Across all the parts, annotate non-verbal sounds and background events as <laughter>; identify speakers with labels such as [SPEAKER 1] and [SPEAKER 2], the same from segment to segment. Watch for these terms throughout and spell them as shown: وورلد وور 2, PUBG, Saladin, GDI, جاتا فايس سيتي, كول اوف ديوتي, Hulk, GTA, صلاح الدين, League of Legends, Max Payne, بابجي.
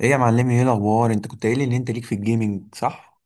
[SPEAKER 1] ايه يا معلمي، ايه الاخبار؟ انت كنت قايل لي ان انت ليك في الجيمنج صح؟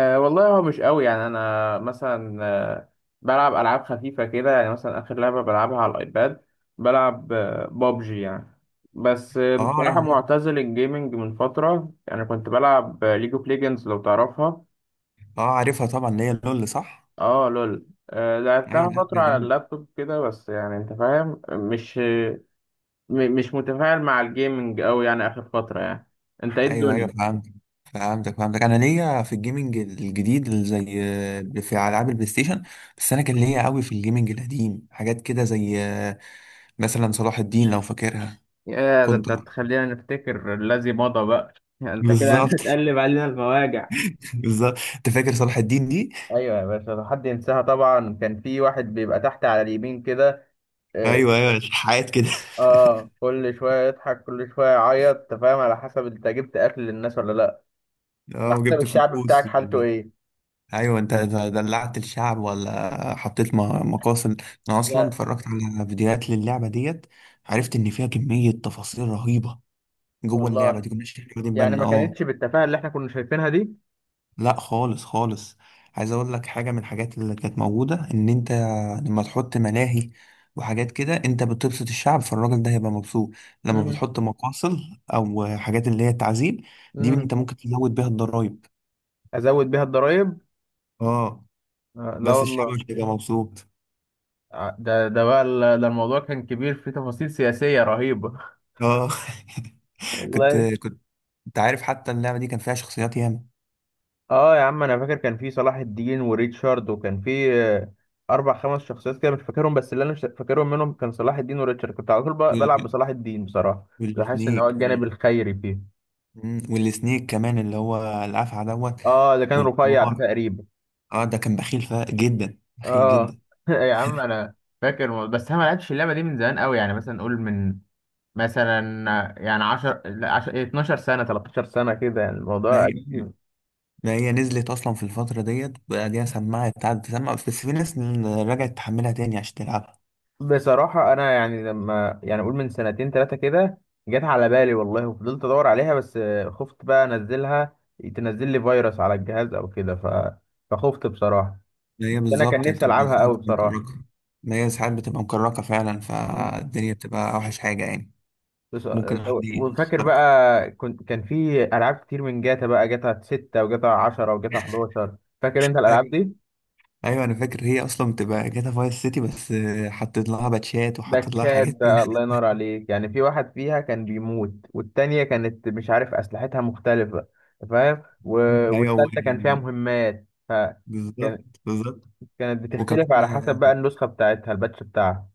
[SPEAKER 2] والله هو مش قوي. يعني انا مثلا بلعب العاب خفيفه كده. يعني مثلا اخر لعبه بلعبها على الايباد بلعب بابجي يعني. بس
[SPEAKER 1] اه،
[SPEAKER 2] بصراحه معتزل الجيمنج من فتره. يعني كنت بلعب ليج اوف ليجندز لو تعرفها.
[SPEAKER 1] اه، عارفها طبعا، اللي هي لول صح؟
[SPEAKER 2] اه لول،
[SPEAKER 1] ايوه،
[SPEAKER 2] لعبتها
[SPEAKER 1] لا
[SPEAKER 2] فترة
[SPEAKER 1] ده
[SPEAKER 2] على
[SPEAKER 1] جامد.
[SPEAKER 2] اللابتوب كده. بس يعني انت فاهم، مش مش متفاعل مع الجيمنج أوي يعني آخر فترة يعني. انت ايه
[SPEAKER 1] ايوه، ايوه،
[SPEAKER 2] الدنيا؟
[SPEAKER 1] فهمتك فهمتك. انا ليا في الجيمنج الجديد اللي زي في العاب البلاي ستيشن. بس انا كان ليا قوي في الجيمنج القديم، حاجات كده زي مثلا صلاح الدين، لو فاكرها.
[SPEAKER 2] يا ده
[SPEAKER 1] كنت.
[SPEAKER 2] انت تخلينا نفتكر الذي مضى بقى <laughs> انت كده
[SPEAKER 1] بالظبط. <laughs>
[SPEAKER 2] هتقلب علينا المواجع.
[SPEAKER 1] بالظبط، انت فاكر صلاح الدين دي؟
[SPEAKER 2] ايوه يا باشا، لو حد ينساها طبعا. كان في واحد بيبقى تحت على اليمين كده. اه.
[SPEAKER 1] ايوه، ايوه، حاجات كده. <laughs>
[SPEAKER 2] كل شويه يضحك كل شويه يعيط. انت فاهم، على حسب انت جبت اكل للناس ولا لا،
[SPEAKER 1] اه،
[SPEAKER 2] على حسب
[SPEAKER 1] وجبت
[SPEAKER 2] الشعب بتاعك
[SPEAKER 1] فلوس.
[SPEAKER 2] حالته ايه.
[SPEAKER 1] ايوه، انت إذا دلعت الشعب ولا حطيت مقاصد. انا اصلا
[SPEAKER 2] لا.
[SPEAKER 1] اتفرجت على فيديوهات للعبه ديت. عرفت
[SPEAKER 2] مم.
[SPEAKER 1] ان فيها كميه تفاصيل رهيبه. جوه اللعبه
[SPEAKER 2] والله
[SPEAKER 1] دي، كناش احنا واخدين
[SPEAKER 2] يعني
[SPEAKER 1] بالنا.
[SPEAKER 2] ما
[SPEAKER 1] اه.
[SPEAKER 2] كانتش بالتفاهه اللي احنا كنا شايفينها دي.
[SPEAKER 1] لا، خالص خالص. عايز اقول لك حاجه، من الحاجات اللي كانت موجوده، ان انت لما تحط ملاهي وحاجات كده انت بتبسط الشعب، فالراجل ده هيبقى مبسوط. لما
[SPEAKER 2] مم.
[SPEAKER 1] بتحط مقاصد او حاجات اللي هي تعذيب، دي
[SPEAKER 2] مم.
[SPEAKER 1] انت ممكن تزود بيها الضرايب.
[SPEAKER 2] ازود بيها الضرايب؟
[SPEAKER 1] اه،
[SPEAKER 2] آه لا
[SPEAKER 1] بس الشعب مش
[SPEAKER 2] والله.
[SPEAKER 1] هيبقى مبسوط.
[SPEAKER 2] ده الموضوع كان كبير، فيه تفاصيل سياسيه رهيبه <laughs>
[SPEAKER 1] اه. <laughs> كنت
[SPEAKER 2] والله.
[SPEAKER 1] كنت انت عارف، حتى اللعبة دي كان فيها شخصيات ياما.
[SPEAKER 2] اه يا عم، انا فاكر كان في صلاح الدين وريتشارد، وكان في اربع خمس شخصيات كده مش فاكرهم. بس اللي انا مش فاكرهم منهم كان صلاح الدين وريتشارد. كنت على طول بلعب
[SPEAKER 1] وال-
[SPEAKER 2] بصلاح الدين بصراحه. كنت بحس ان
[SPEAKER 1] والسنيك
[SPEAKER 2] هو الجانب الخيري فيه.
[SPEAKER 1] والسنيك كمان، اللي هو الأفعى دوت.
[SPEAKER 2] اه، ده كان رفيع ده
[SPEAKER 1] والحمار.
[SPEAKER 2] تقريبا.
[SPEAKER 1] اه، ده كان بخيل جدا، بخيل
[SPEAKER 2] اه
[SPEAKER 1] جدا.
[SPEAKER 2] <laughs> يا عم، انا فاكر بس انا ما لعبتش اللعبه دي من زمان قوي. يعني مثلا نقول من، مثلا يعني 10 لا 10 12 سنه 13 سنه كده. يعني
[SPEAKER 1] ما
[SPEAKER 2] الموضوع
[SPEAKER 1] هي
[SPEAKER 2] قديم.
[SPEAKER 1] ما هي نزلت أصلا في الفترة ديت، وبعديها قعدت تسمع، بس في ناس رجعت تحملها تاني عشان تلعبها.
[SPEAKER 2] بصراحة أنا يعني لما يعني أقول من سنتين تلاتة كده جت على بالي والله، وفضلت أدور عليها. بس خفت بقى أنزلها، تنزل لي فيروس على الجهاز أو كده. فخفت بصراحة.
[SPEAKER 1] ما
[SPEAKER 2] بس
[SPEAKER 1] هي
[SPEAKER 2] أنا كان
[SPEAKER 1] بالظبط،
[SPEAKER 2] نفسي
[SPEAKER 1] بتبقى
[SPEAKER 2] ألعبها
[SPEAKER 1] ساعات
[SPEAKER 2] أوي
[SPEAKER 1] بتبقى
[SPEAKER 2] بصراحة.
[SPEAKER 1] مكركة. ما هي ساعات بتبقى مكركة فعلا،
[SPEAKER 2] مم.
[SPEAKER 1] فالدنيا بتبقى أوحش حاجة يعني.
[SPEAKER 2] بس...
[SPEAKER 1] ممكن حد
[SPEAKER 2] وفاكر
[SPEAKER 1] يخترقك.
[SPEAKER 2] بقى، كنت كان في ألعاب كتير من جاتا بقى، جاتا 6 وجاتا عشرة وجاتا حداشر. فاكر أنت الألعاب دي؟
[SPEAKER 1] ايوه، انا فاكر، هي اصلا بتبقى جاتا فايس سيتي، بس حطيت لها باتشات
[SPEAKER 2] ده
[SPEAKER 1] وحطيت لها
[SPEAKER 2] تشاد،
[SPEAKER 1] حاجات كده.
[SPEAKER 2] ده الله ينور عليك. يعني في واحد فيها كان بيموت، والتانية كانت مش عارف أسلحتها مختلفة. أنت فاهم.
[SPEAKER 1] <laughs> ايوه،
[SPEAKER 2] والتالتة كان فيها مهمات. كان...
[SPEAKER 1] بالظبط، بالظبط.
[SPEAKER 2] كانت بتختلف
[SPEAKER 1] وكمان
[SPEAKER 2] على حسب بقى النسخة بتاعتها، الباتش بتاعها.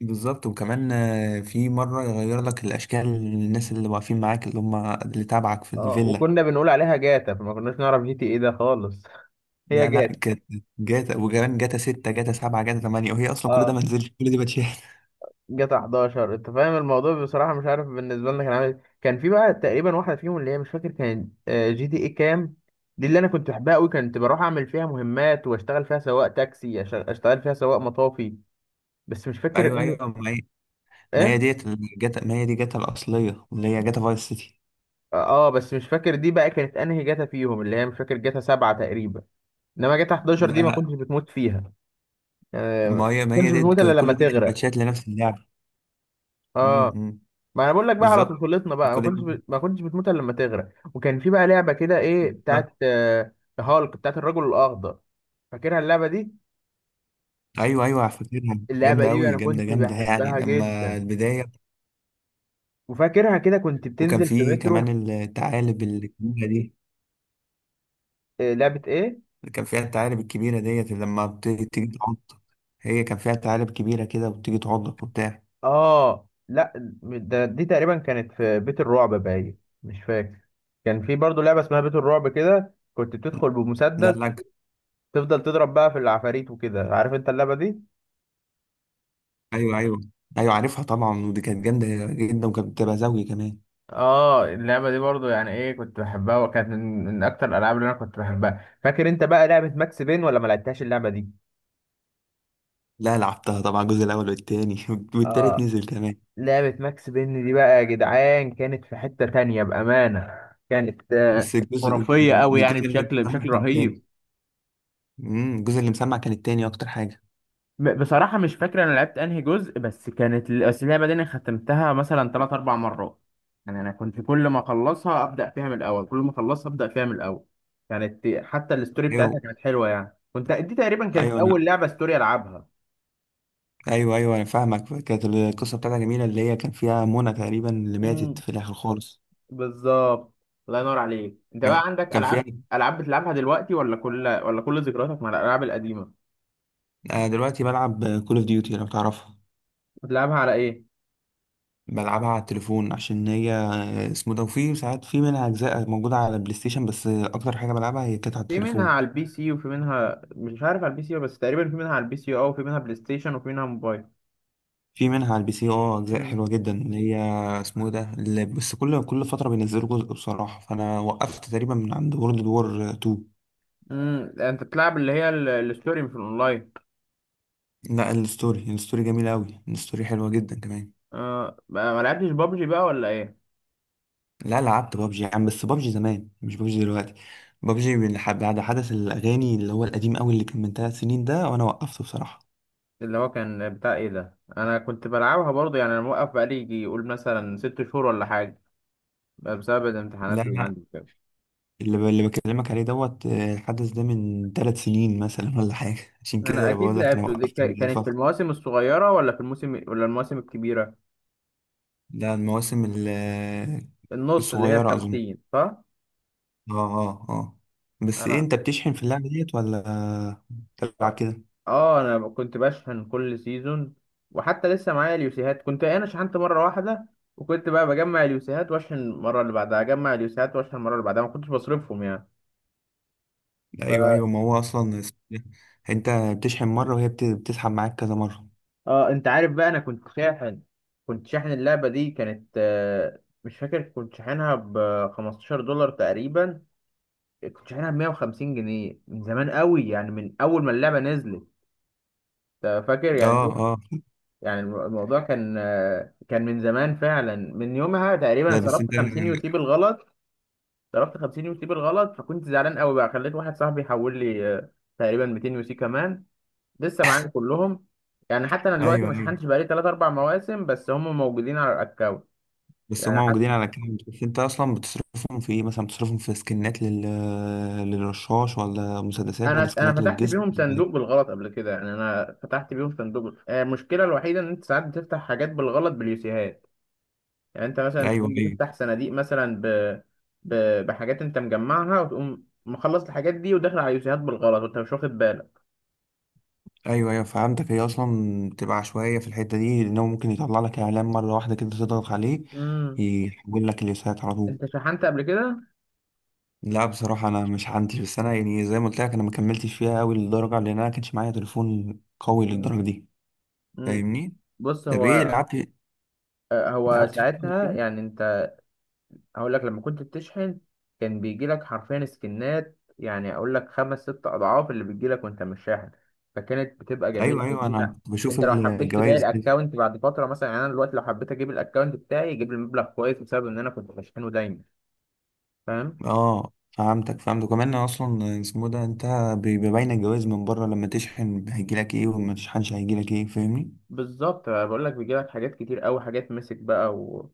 [SPEAKER 1] بالظبط وكمان في مره يغير لك الاشكال، الناس اللي واقفين معاك اللي هم اللي تابعك في
[SPEAKER 2] اه،
[SPEAKER 1] الفيلا.
[SPEAKER 2] وكنا بنقول عليها جاتا فما كناش نعرف جي تي ايه ده خالص <laughs> هي
[SPEAKER 1] لا لا،
[SPEAKER 2] جاتا.
[SPEAKER 1] كانت جاتا. وكمان جاتا 6، جاتا 7، جاتا 8، وهي اصلا كل ده
[SPEAKER 2] اه.
[SPEAKER 1] ما نزلش، كل دي باتشات.
[SPEAKER 2] جاتا 11 انت فاهم الموضوع بصراحه مش عارف بالنسبه لنا كان عامل إيه. كان في بقى تقريبا واحده فيهم اللي هي مش فاكر كانت جي دي اي كام. دي اللي انا كنت بحبها قوي. كنت بروح اعمل فيها مهمات واشتغل فيها سواق تاكسي، اشتغل فيها سواق مطافي. بس مش
[SPEAKER 1] <laughs>
[SPEAKER 2] فاكر
[SPEAKER 1] ايوه،
[SPEAKER 2] انهي.
[SPEAKER 1] ايوه، ما هي
[SPEAKER 2] ايه.
[SPEAKER 1] ديت الجاتا، ما هي دي جاتا الاصليه، اللي هي جاتا فايس سيتي.
[SPEAKER 2] اه. بس مش فاكر دي بقى كانت انهي جاتا فيهم. اللي هي مش فاكر، جاتا 7 تقريبا. انما جاتا 11
[SPEAKER 1] لا
[SPEAKER 2] دي ما
[SPEAKER 1] لا،
[SPEAKER 2] كنتش بتموت فيها.
[SPEAKER 1] ما
[SPEAKER 2] ما
[SPEAKER 1] هي ما هي
[SPEAKER 2] كنتش
[SPEAKER 1] ديت
[SPEAKER 2] بتموت الا
[SPEAKER 1] كل
[SPEAKER 2] لما
[SPEAKER 1] ده كان
[SPEAKER 2] تغرق.
[SPEAKER 1] باتشات لنفس اللعبه.
[SPEAKER 2] اه.
[SPEAKER 1] امم
[SPEAKER 2] ما انا بقول لك بقى على
[SPEAKER 1] بالظبط.
[SPEAKER 2] طفولتنا بقى
[SPEAKER 1] كل
[SPEAKER 2] ما كنتش بتموت الا لما تغرق. وكان في بقى لعبه كده، ايه،
[SPEAKER 1] بالظبط.
[SPEAKER 2] بتاعت هالك، بتاعت الرجل الاخضر. فاكرها اللعبه دي؟
[SPEAKER 1] ايوه، ايوه، فاكرها،
[SPEAKER 2] اللعبه
[SPEAKER 1] جامده
[SPEAKER 2] دي
[SPEAKER 1] قوي،
[SPEAKER 2] انا
[SPEAKER 1] جامده
[SPEAKER 2] كنت
[SPEAKER 1] جامده يعني
[SPEAKER 2] بحبها
[SPEAKER 1] لما
[SPEAKER 2] جدا.
[SPEAKER 1] البدايه.
[SPEAKER 2] وفاكرها كده، كنت
[SPEAKER 1] وكان
[SPEAKER 2] بتنزل في
[SPEAKER 1] في
[SPEAKER 2] مترو.
[SPEAKER 1] كمان الثعالب الكبيره دي.
[SPEAKER 2] لعبه ايه.
[SPEAKER 1] كان فيها الثعالب الكبيره ديت، اللي لما تيجي تعضك. هي كان فيها ثعالب كبيره كده، وبتيجي تعضك وبتاع.
[SPEAKER 2] اه لا، ده دي تقريبا كانت في بيت الرعب باين. مش فاكر. كان في برضو لعبه اسمها بيت الرعب كده، كنت بتدخل
[SPEAKER 1] لا
[SPEAKER 2] بمسدس
[SPEAKER 1] لا.
[SPEAKER 2] تفضل تضرب بقى في العفاريت وكده. عارف انت اللعبه دي.
[SPEAKER 1] ايوه، ايوه. ايوه، عارفها طبعا، ودي كانت جامده جدا، وكانت بتبقى زوجي كمان.
[SPEAKER 2] اه. اللعبة دي برضو يعني ايه، كنت بحبها، وكانت من اكتر الالعاب اللي انا كنت بحبها. فاكر انت بقى لعبة ماكس بين ولا ما لعبتهاش اللعبة دي؟
[SPEAKER 1] لا، لعبتها طبعا، الجزء الاول والتاني. <laughs> والتالت
[SPEAKER 2] اه.
[SPEAKER 1] نزل كمان.
[SPEAKER 2] لعبة ماكس بين دي بقى يا جدعان كانت في حتة تانية بأمانة. كانت
[SPEAKER 1] بس الجزء
[SPEAKER 2] خرافية قوي يعني
[SPEAKER 1] الجزء اللي
[SPEAKER 2] بشكل
[SPEAKER 1] اتعمل
[SPEAKER 2] بشكل
[SPEAKER 1] كان تاني.
[SPEAKER 2] رهيب.
[SPEAKER 1] الجزء اللي مسمع كان التاني، اكتر حاجه.
[SPEAKER 2] بصراحة مش فاكر أنا لعبت أنهي جزء. بس كانت بس اللعبة دي أنا ختمتها مثلا تلات أربع مرات. يعني أنا كنت كل ما أخلصها أبدأ فيها من الأول، كل ما أخلصها أبدأ فيها من الأول. كانت حتى الستوري بتاعتها
[SPEAKER 1] ايوه،
[SPEAKER 2] كانت حلوة. يعني كنت، دي تقريبا كانت
[SPEAKER 1] ايوه،
[SPEAKER 2] أول لعبة ستوري ألعبها.
[SPEAKER 1] انا فاهمك، كانت القصه بتاعتها جميله، اللي هي كان فيها منى تقريبا، اللي ماتت
[SPEAKER 2] امم.
[SPEAKER 1] في الاخر خالص.
[SPEAKER 2] بالظبط. الله ينور عليك. أنت بقى
[SPEAKER 1] يعني
[SPEAKER 2] عندك
[SPEAKER 1] كان
[SPEAKER 2] ألعاب،
[SPEAKER 1] فيها.
[SPEAKER 2] ألعاب بتلعبها دلوقتي، ولا كل ذكرياتك مع الألعاب القديمة؟
[SPEAKER 1] انا دلوقتي بلعب كول اوف ديوتي، لو تعرفها.
[SPEAKER 2] بتلعبها على إيه؟
[SPEAKER 1] بلعبها على التليفون، عشان هي اسمه ده، وفي ساعات في منها اجزاء موجوده على البلاي ستيشن، بس اكتر حاجه بلعبها هي كانت على
[SPEAKER 2] في منها
[SPEAKER 1] التليفون.
[SPEAKER 2] على البي سي، وفي منها مش عارف على البي سي، بس تقريبا في منها على البي سي اه. وفي منها بلاي ستيشن وفي منها موبايل.
[SPEAKER 1] في منها على البي سي، اه، اجزاء حلوه جدا، اللي هي اسمه ده، اللي بس كل فتره بينزلوا جزء بصراحه، فانا وقفت تقريبا من عند وورلد وور 2.
[SPEAKER 2] امم. انت بتلعب اللي هي الستوري مش الاونلاين.
[SPEAKER 1] لا، الستوري جميل قوي، الستوري حلوه جدا كمان.
[SPEAKER 2] آه ما لعبتش بابجي بقى ولا ايه؟
[SPEAKER 1] لا، لعبت بابجي يا عم، بس بابجي زمان مش بابجي دلوقتي. بابجي من بعد حدث الاغاني، اللي هو القديم قوي، اللي كان من 3 سنين ده، وانا وقفته بصراحه.
[SPEAKER 2] اللي هو كان بتاع ايه ده، انا كنت بلعبها برضه. يعني انا موقف بقالي يجي يقول مثلا 6 شهور ولا حاجه بقى بسبب
[SPEAKER 1] لا
[SPEAKER 2] الامتحانات اللي
[SPEAKER 1] لا.
[SPEAKER 2] عندي كده.
[SPEAKER 1] اللي بكلمك عليه دوت الحدث ده من 3 سنين مثلا ولا حاجه. <laughs> عشان
[SPEAKER 2] انا
[SPEAKER 1] كده
[SPEAKER 2] اكيد
[SPEAKER 1] بقول لك انا
[SPEAKER 2] لعبته دي
[SPEAKER 1] وقفت من
[SPEAKER 2] كانت في
[SPEAKER 1] الفتره.
[SPEAKER 2] المواسم الصغيره، ولا في الموسم ولا المواسم الكبيره،
[SPEAKER 1] لا، المواسم
[SPEAKER 2] النص اللي هي
[SPEAKER 1] الصغيره اظن.
[SPEAKER 2] الخمسين، صح؟
[SPEAKER 1] اه، اه، اه. بس ايه،
[SPEAKER 2] انا
[SPEAKER 1] انت بتشحن في اللعبه ديت ولا بتلعب كده؟
[SPEAKER 2] اه. انا كنت بشحن كل سيزون. وحتى لسه معايا اليوسيهات. كنت انا شحنت مره واحده، وكنت بقى بجمع اليوسيهات واشحن المره اللي بعدها، اجمع اليوسيهات واشحن المره اللي بعدها، ما كنتش بصرفهم يعني. ف
[SPEAKER 1] ايوه، ايوه، ما هو اصلا انت بتشحن مره وهي بتسحب معاك كذا مره.
[SPEAKER 2] اه انت عارف بقى، انا كنت شاحن. كنت شاحن اللعبه دي، كانت مش فاكر كنت شاحنها ب $15 تقريبا. كنت شاحنها ب 150 جنيه من زمان قوي. يعني من اول ما اللعبه نزلت. أنت فاكر
[SPEAKER 1] اه.
[SPEAKER 2] يعني.
[SPEAKER 1] اه،
[SPEAKER 2] يعني الموضوع كان كان من زمان فعلا. من يومها تقريبا
[SPEAKER 1] لا، بس
[SPEAKER 2] صرفت
[SPEAKER 1] انت.
[SPEAKER 2] 50 يوتي بالغلط، صرفت 50 يوتي بالغلط. فكنت زعلان قوي بقى، خليت واحد صاحبي يحول لي تقريبا 200 يوتي كمان. لسه معايا كلهم. يعني حتى انا
[SPEAKER 1] ايوه،
[SPEAKER 2] دلوقتي
[SPEAKER 1] ايوه،
[SPEAKER 2] ما شحنتش بقالي 3 4 مواسم، بس هم موجودين على الاكونت.
[SPEAKER 1] بس هم
[SPEAKER 2] يعني
[SPEAKER 1] موجودين
[SPEAKER 2] حتى
[SPEAKER 1] على كام، بس انت اصلا بتصرفهم في ايه؟ مثلا بتصرفهم في سكنات للرشاش ولا مسدسات ولا
[SPEAKER 2] انا
[SPEAKER 1] سكنات
[SPEAKER 2] انا فتحت
[SPEAKER 1] للجسم
[SPEAKER 2] بيهم صندوق
[SPEAKER 1] إيه؟
[SPEAKER 2] بالغلط قبل كده. يعني انا فتحت بيهم صندوق. المشكله الوحيده ان انت ساعات بتفتح حاجات بالغلط باليوسيهات. يعني انت مثلا
[SPEAKER 1] ايوه، ايوه.
[SPEAKER 2] تكون بتفتح صناديق مثلا ب... بحاجات انت مجمعها، وتقوم مخلص الحاجات دي وداخل على يوسيهات بالغلط وانت مش واخد بالك.
[SPEAKER 1] ايوه، ايوه، فهمتك. هي اصلا بتبقى عشوائيه في الحته دي، لانه ممكن يطلع لك اعلان مره واحده كده، تضغط عليه.
[SPEAKER 2] امم.
[SPEAKER 1] يحول لك اليسات على طول.
[SPEAKER 2] انت شحنت قبل كده؟
[SPEAKER 1] لا، بصراحة أنا مش عندي، بس أنا يعني زي ما قلت لك، أنا ما كملتش فيها أوي للدرجة، لأن أنا كانش معايا تليفون قوي
[SPEAKER 2] مم.
[SPEAKER 1] للدرجة دي.
[SPEAKER 2] مم.
[SPEAKER 1] فاهمني؟
[SPEAKER 2] بص،
[SPEAKER 1] طب إيه،
[SPEAKER 2] هو
[SPEAKER 1] لعبت
[SPEAKER 2] هو
[SPEAKER 1] لعبت فيه قبل
[SPEAKER 2] ساعتها
[SPEAKER 1] كده؟
[SPEAKER 2] يعني، انت هقول لك، لما كنت بتشحن كان بيجي لك حرفيا سكنات، يعني اقول لك خمس ست اضعاف اللي بيجي لك وانت مش شاحن. فكانت بتبقى جميله
[SPEAKER 1] أيوه،
[SPEAKER 2] قوي.
[SPEAKER 1] أيوه، أنا
[SPEAKER 2] انت،
[SPEAKER 1] كنت بشوف
[SPEAKER 2] انت لو حبيت تبيع
[SPEAKER 1] الجوايز كده.
[SPEAKER 2] الاكونت بعد فتره مثلا، يعني انا دلوقتي لو حبيت اجيب الاكونت بتاعي يجيب لي مبلغ كويس بسبب ان انا كنت بشحنه دايما. فاهم.
[SPEAKER 1] أه، فهمتك فهمتك، كمان أصلا اسمه ده، أنت بيبقى باين الجوايز من بره، لما تشحن هيجيلك إيه وما تشحنش هيجيلك إيه، فاهمني؟
[SPEAKER 2] بالظبط. بقول لك بيجي لك حاجات كتير قوي، حاجات مسك بقى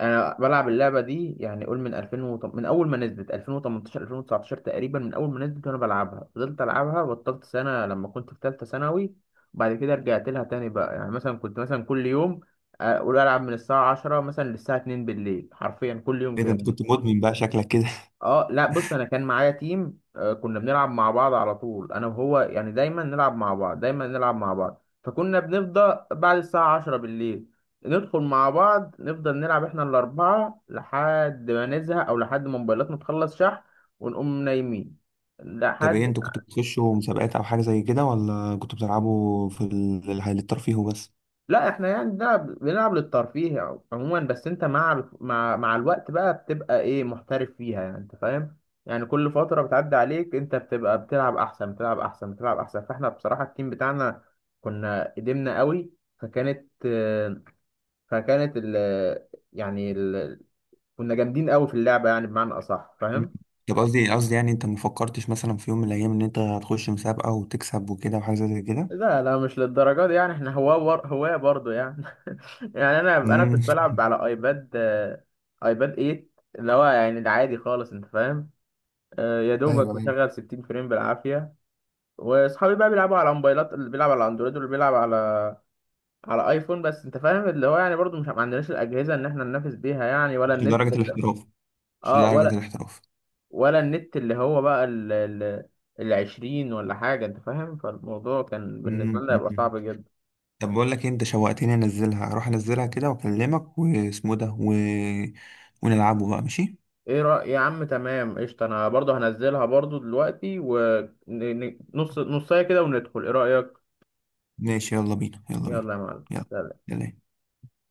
[SPEAKER 2] انا بلعب اللعبه دي يعني قول من 2000 من اول ما نزلت 2018 2019 تقريبا. من اول ما نزلت وانا بلعبها، فضلت العبها، بطلت سنه لما كنت في ثالثه ثانوي، وبعد كده رجعت لها تاني بقى. يعني مثلا كنت مثلا كل يوم اقول العب من الساعه 10 مثلا للساعه 2 بالليل حرفيا كل يوم
[SPEAKER 1] إيه ده،
[SPEAKER 2] كده.
[SPEAKER 1] أنت كنت مدمن بقى شكلك كده.
[SPEAKER 2] اه لا، بص انا كان معايا تيم كنا بنلعب مع بعض على طول انا وهو. يعني دايما نلعب مع بعض دايما نلعب مع بعض، فكنا بنفضل بعد الساعة 10 بالليل ندخل مع بعض نفضل نلعب احنا الأربعة لحد ما نزهق أو لحد ما موبايلاتنا تخلص شحن ونقوم نايمين
[SPEAKER 1] <laughs> طب إيه،
[SPEAKER 2] لحد
[SPEAKER 1] أنتوا كنتوا بتخشوا مسابقات أو حاجة زي كده، ولا كنتوا بتلعبوا في الترفيه وبس؟
[SPEAKER 2] لا، احنا يعني بنلعب للترفيه عموما. بس انت مع مع الوقت بقى بتبقى ايه، محترف فيها يعني انت فاهم. يعني كل فترة بتعدي عليك انت بتبقى بتلعب احسن بتلعب احسن بتلعب احسن. فاحنا بصراحة التيم بتاعنا كنا قدمنا قوي. فكانت آه، فكانت ال يعني ال كنا جامدين قوي في اللعبة يعني بمعنى اصح.
[SPEAKER 1] مم.
[SPEAKER 2] فاهم.
[SPEAKER 1] طب قصدي قصدي، يعني انت ما فكرتش مثلا في يوم من الايام ان انت هتخش مسابقه وتكسب وكده، وحاجه زي كده.
[SPEAKER 2] لا لا مش للدرجة دي. يعني احنا هواة هواة برضه يعني. <laughs> يعني انا
[SPEAKER 1] مم.
[SPEAKER 2] كنت بلعب على ايباد ايباد 8 اللي هو يعني العادي خالص انت فاهم. يا
[SPEAKER 1] ايوه،
[SPEAKER 2] دوبك
[SPEAKER 1] ايوه،
[SPEAKER 2] مشغل 60 فريم بالعافية. واصحابي بقى بيلعبوا على موبايلات، اللي بيلعب على اندرويد واللي بيلعب على على ايفون. بس انت فاهم اللي هو يعني برضه مش ما عندناش الاجهزة ان احنا ننافس بيها يعني
[SPEAKER 1] مش لدرجه الاحتراف. مش
[SPEAKER 2] اه.
[SPEAKER 1] لدرجه
[SPEAKER 2] ولا
[SPEAKER 1] الاحتراف.
[SPEAKER 2] ولا النت اللي هو بقى العشرين ولا حاجة انت فاهم. فالموضوع كان بالنسبة
[SPEAKER 1] مم.
[SPEAKER 2] لنا هيبقى
[SPEAKER 1] مم.
[SPEAKER 2] صعب جدا.
[SPEAKER 1] طب بقول لك إيه، انت شوقتني، اروح انزلها كده واكلمك واسمه ده ونلعبه بقى، ماشي.
[SPEAKER 2] ايه رأي يا عم؟ تمام قشطة، انا برضه هنزلها برضه دلوقتي ونص، نصاية كده وندخل، ايه رأيك؟
[SPEAKER 1] ماشي، يلا بينا، يلا بينا.
[SPEAKER 2] يلا يا
[SPEAKER 1] يلا
[SPEAKER 2] معلم.
[SPEAKER 1] يلا.